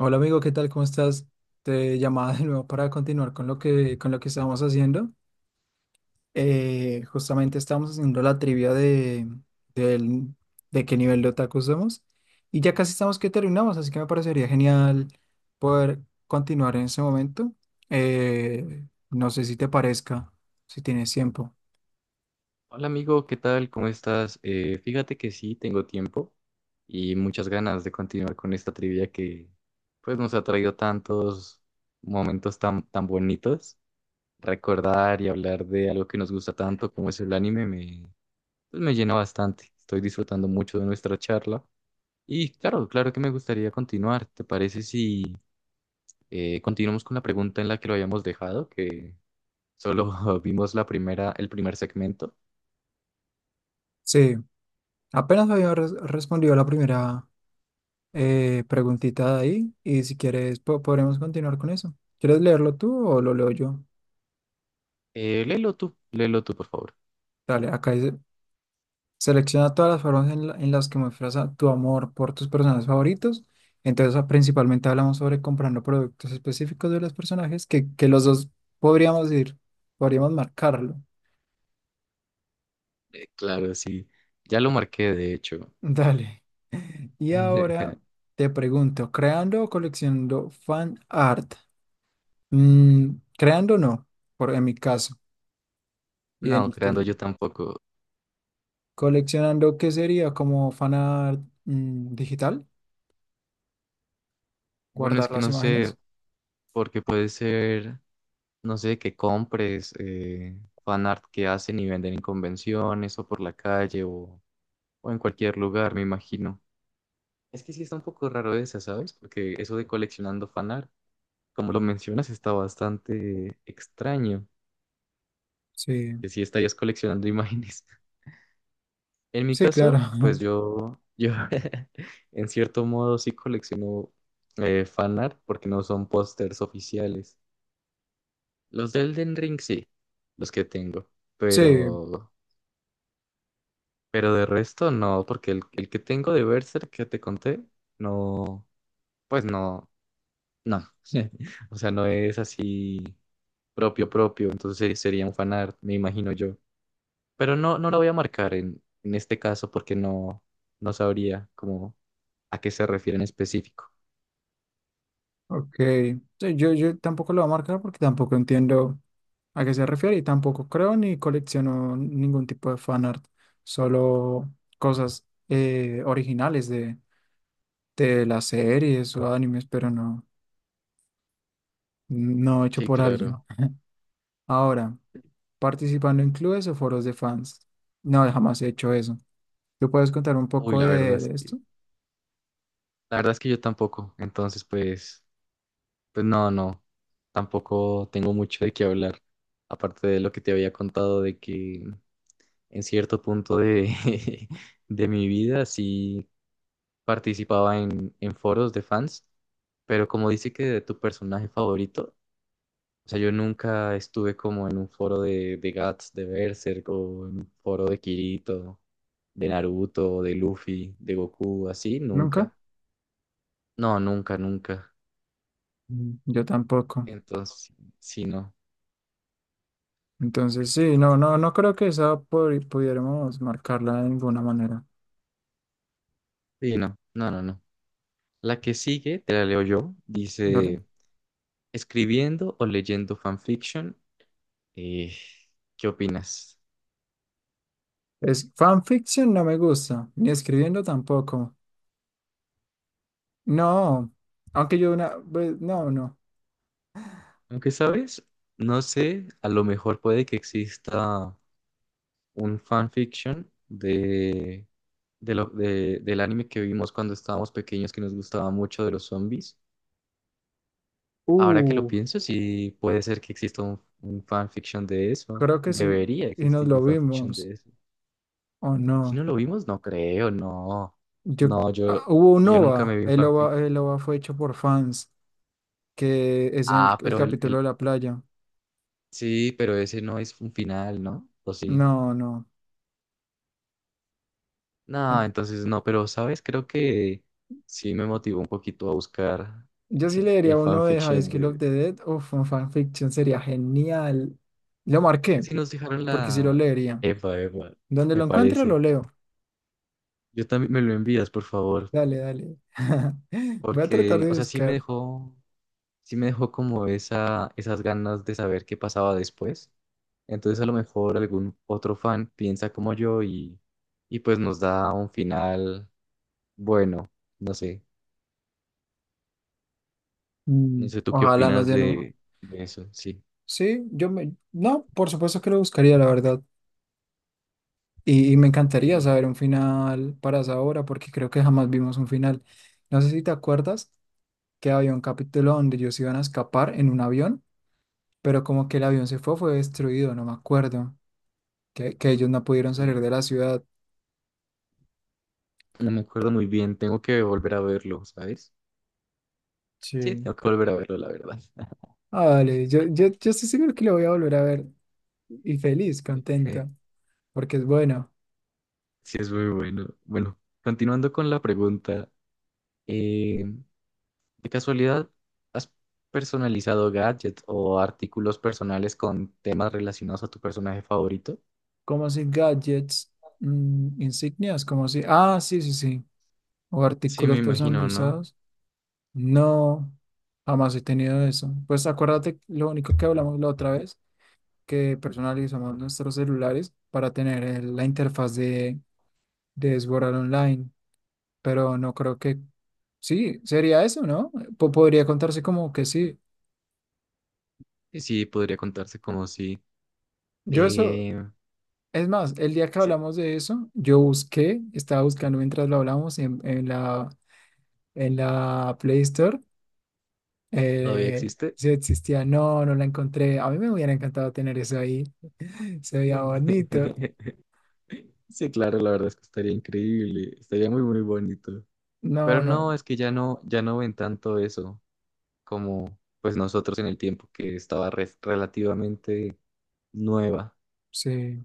Hola amigo, ¿qué tal? ¿Cómo estás? Te llamaba de nuevo para continuar con lo que estábamos haciendo. Justamente estábamos haciendo la trivia de, del- de qué nivel de otaku somos, y ya casi estamos que terminamos, así que me parecería genial poder continuar en ese momento. No sé si te parezca, si tienes tiempo. Hola amigo, ¿qué tal? ¿Cómo estás? Fíjate que sí, tengo tiempo y muchas ganas de continuar con esta trivia que pues nos ha traído tantos momentos tan bonitos. Recordar y hablar de algo que nos gusta tanto como es el pues, me llena bastante. Estoy disfrutando mucho de nuestra charla y claro, claro que me gustaría continuar. ¿Te parece si continuamos con la pregunta en la que lo habíamos dejado, que solo vimos la primera, el primer segmento? Sí, apenas había respondido a la primera preguntita de ahí, y si quieres podremos continuar con eso. ¿Quieres leerlo tú o lo leo yo? Léelo tú, léelo tú, por favor. Dale, acá dice: selecciona todas las formas en las que muestras tu amor por tus personajes favoritos. Entonces, ah, principalmente hablamos sobre comprando productos específicos de los personajes que los dos podríamos ir, podríamos marcarlo. Claro, sí. Ya lo marqué, de hecho. Dale. Y ahora te pregunto, ¿creando o coleccionando fan art? Mm, creando no, por, en mi caso, y en No, el creando tuyo. yo tampoco. ¿Coleccionando qué sería como fan art, mm, digital? Bueno, es ¿Guardar que las no sé, imágenes? porque puede ser, no sé, que compres fanart que hacen y venden en convenciones o por la calle o en cualquier lugar, me imagino. Es que sí está un poco raro esa, ¿sabes? Porque eso de coleccionando fanart, como lo mencionas, está bastante extraño, Sí, que sí estarías coleccionando imágenes. En mi sí, claro. caso, pues yo en cierto modo sí colecciono fanart porque no son pósters oficiales. Los de Elden Ring sí, los que tengo, Sí, pero, pero de resto no, porque el que tengo de Berserk que te conté, no, pues no, no. O sea, no es así propio propio, entonces sería un fanart, me imagino yo. Pero no, no lo voy a marcar en este caso porque no, no sabría cómo a qué se refiere en específico. ok. Sí, yo tampoco lo voy a marcar porque tampoco entiendo a qué se refiere, y tampoco creo ni colecciono ningún tipo de fanart, solo cosas originales de las series o animes, pero no, no hecho Sí, por alguien. claro. Ahora, participando en clubes o foros de fans. No, jamás he hecho eso. ¿Tú puedes contar un Uy, poco de esto? la verdad es que yo tampoco. Entonces, pues, pues no, no, tampoco tengo mucho de qué hablar. Aparte de lo que te había contado de que en cierto punto de mi vida sí participaba en foros de fans, pero como dice que de tu personaje favorito, o sea, yo nunca estuve como en un foro de Guts, de Berserk o en un foro de Kirito de Naruto, de Luffy, de Goku, así, ¿Nunca? nunca. No, nunca, nunca. Mm, yo tampoco. Entonces, sí, no. Entonces, sí, no, no, no creo que esa pudiéramos marcarla de ninguna manera. Sí, no. No, no, no. La que sigue, te la leo yo, Dale. dice, escribiendo o leyendo fanfiction, eh, ¿qué opinas? Es fanfiction, no me gusta, ni escribiendo tampoco. No, aunque yo una vez, no, no. Aunque sabes, no sé, a lo mejor puede que exista un fanfiction de del anime que vimos cuando estábamos pequeños que nos gustaba mucho de los zombies. Ahora que lo Uh, pienso, sí puede ser que exista un fanfiction de eso. creo que sí, Debería y nos existir lo un fanfiction vimos, de eso. o Si no. no lo vimos, no creo, no. Yo, No, ah, hubo un yo nunca OVA, me vi un el OVA, fanfiction. el OVA fue hecho por fans, que es el, Ah, el pero capítulo de la playa. sí, pero ese no es un final, ¿no? ¿O sí? No, no. No, entonces no, pero sabes, creo que sí me motivó un poquito a buscar Yo sí leería el uno de High fanfiction School of de... the Dead. Uf, un fanfiction sería genial. Lo Es marqué, que sí nos dejaron porque sí lo la... leería. Epa, epa, Donde me lo encuentro, lo parece. leo. Yo también me lo envías, por favor. Dale, dale. Voy a tratar Porque, de o sea, buscar. Sí me dejó como esa, esas ganas de saber qué pasaba después. Entonces a lo mejor algún otro fan piensa como yo y pues nos da un final bueno. No sé, Mm, no sé tú qué ojalá nos opinas den un... de eso, sí. Sí, yo me... No, por supuesto que lo buscaría, la verdad. Y me encantaría Ey, saber un final para esa obra, porque creo que jamás vimos un final. No sé si te acuerdas que había un capítulo donde ellos iban a escapar en un avión, pero como que el avión fue destruido, no me acuerdo. Que ellos no pudieron salir de eh, la ciudad. no me acuerdo muy bien, tengo que volver a verlo, ¿sabes? Sí, Sí. tengo que volver a verlo, la verdad. Ah, vale, yo estoy seguro que lo voy a volver a ver, y feliz, contento, porque es bueno. Sí, es muy bueno. Bueno, continuando con la pregunta. eh, ¿De casualidad has personalizado gadgets o artículos personales con temas relacionados a tu personaje favorito? Como si gadgets, mm, insignias, como si, ah, sí, sí, sí, o Sí, me artículos imagino, ¿no? personalizados. No, jamás he tenido eso. Pues acuérdate, lo único que hablamos la otra vez, que personalizamos nuestros celulares para tener la interfaz de Sword Art Online. Pero no creo que sí, sería eso, ¿no? Podría contarse como que sí. Y sí, podría contarse como si... Yo eso, Eh, es más, el día que sí, hablamos de eso, yo busqué, estaba buscando mientras lo hablamos en la Play Store, todavía eh, existe. si existía, no, no la encontré. A mí me hubiera encantado tener eso ahí, se veía Sí, bonito. sí, claro, la verdad es que estaría increíble, estaría muy bonito. Pero No, no, no, es que ya no, ya no ven tanto eso como pues nosotros en el tiempo que estaba relativamente nueva. sí,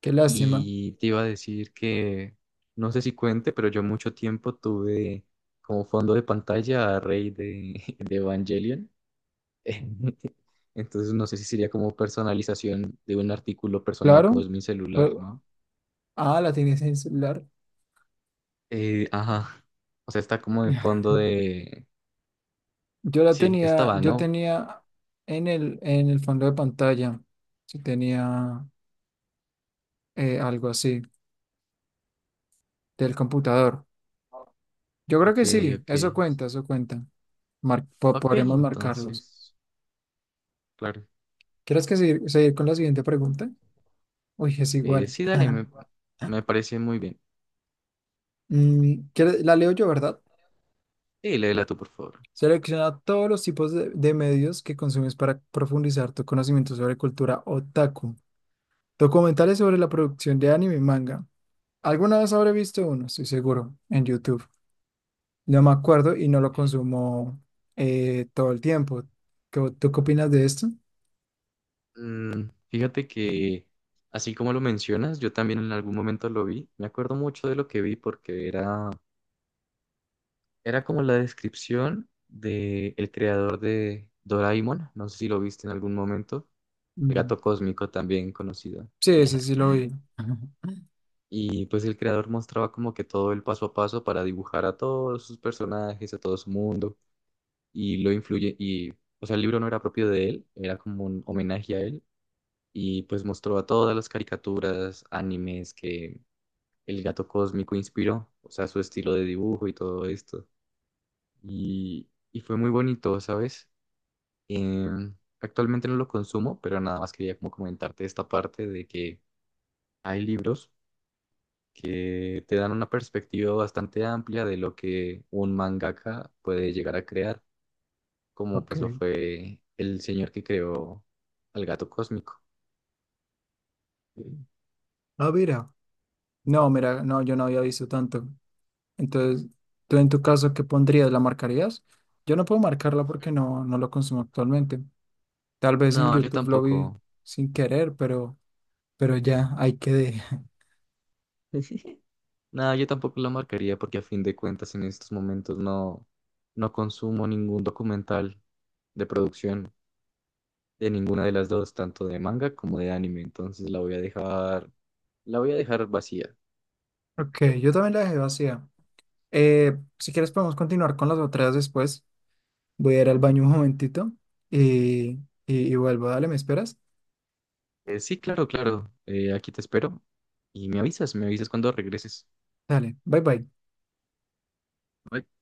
qué lástima. Y te iba a decir que, no sé si cuente, pero yo mucho tiempo tuve como fondo de pantalla a Rey de Evangelion. Entonces no sé si sería como personalización de un artículo personal como Claro, es mi celular, pero- ¿no? ah, la tienes en el celular. Ajá. O sea, está como en fondo de... Yo la Sí, tenía, estaba, yo ¿no? tenía en el fondo de pantalla, si tenía algo así del computador. Yo creo Ok, que sí, ok. eso cuenta, eso cuenta. Ok, Podremos marcarlos. entonces, claro. ¿ Seguir con la siguiente pregunta? Uy, es igual. Sí, dale, me parece muy bien. Mm, ¿quieres- la leo yo, ¿verdad? Y léela tú, por favor. Selecciona todos los tipos de medios que consumes para profundizar tu conocimiento sobre cultura otaku. Documentales sobre la producción de anime y manga. ¿Alguna vez habré visto uno? Estoy seguro, en YouTube. No me acuerdo y no lo consumo todo el tiempo. ¿Qué- ¿tú qué opinas de esto? Fíjate que, así como lo mencionas, yo también en algún momento lo vi. Me acuerdo mucho de lo que vi era como la descripción del creador de Doraemon. No sé si lo viste en algún momento. El Mm, gato cósmico también conocido. sí, ese sí lo vi. Y pues el creador mostraba como que todo el paso a paso para dibujar a todos sus personajes, a todo su mundo. Y lo influye. Y, o sea, el libro no era propio de él, era como un homenaje a él. Y pues mostró a todas las caricaturas, animes que el gato cósmico inspiró, o sea, su estilo de dibujo y todo esto. Y fue muy bonito, ¿sabes? Em, actualmente no lo consumo, pero nada más quería como comentarte esta parte de que hay libros que te dan una perspectiva bastante amplia de lo que un mangaka puede llegar a crear, como Ok. pues lo fue el señor que creó al gato cósmico. Ah, mira. No, mira, no, yo no había visto tanto. Entonces, ¿tú en tu caso qué pondrías? ¿La marcarías? Yo no puedo marcarla porque no, no lo consumo actualmente. Tal vez en No, yo YouTube lo vi tampoco. sin querer, pero ya, ahí quedé. No, yo tampoco la marcaría porque a fin de cuentas en estos momentos no, no consumo ningún documental de producción de ninguna de las dos, tanto de manga como de anime, entonces la voy a dejar, la voy a dejar vacía. Ok, yo también la dejé vacía. Si quieres podemos continuar con las otras después. Voy a ir al baño un momentito y, y vuelvo. Dale, ¿me esperas? Sí, claro, claro, aquí te espero y me avisas cuando regreses. Dale, bye bye. Bye.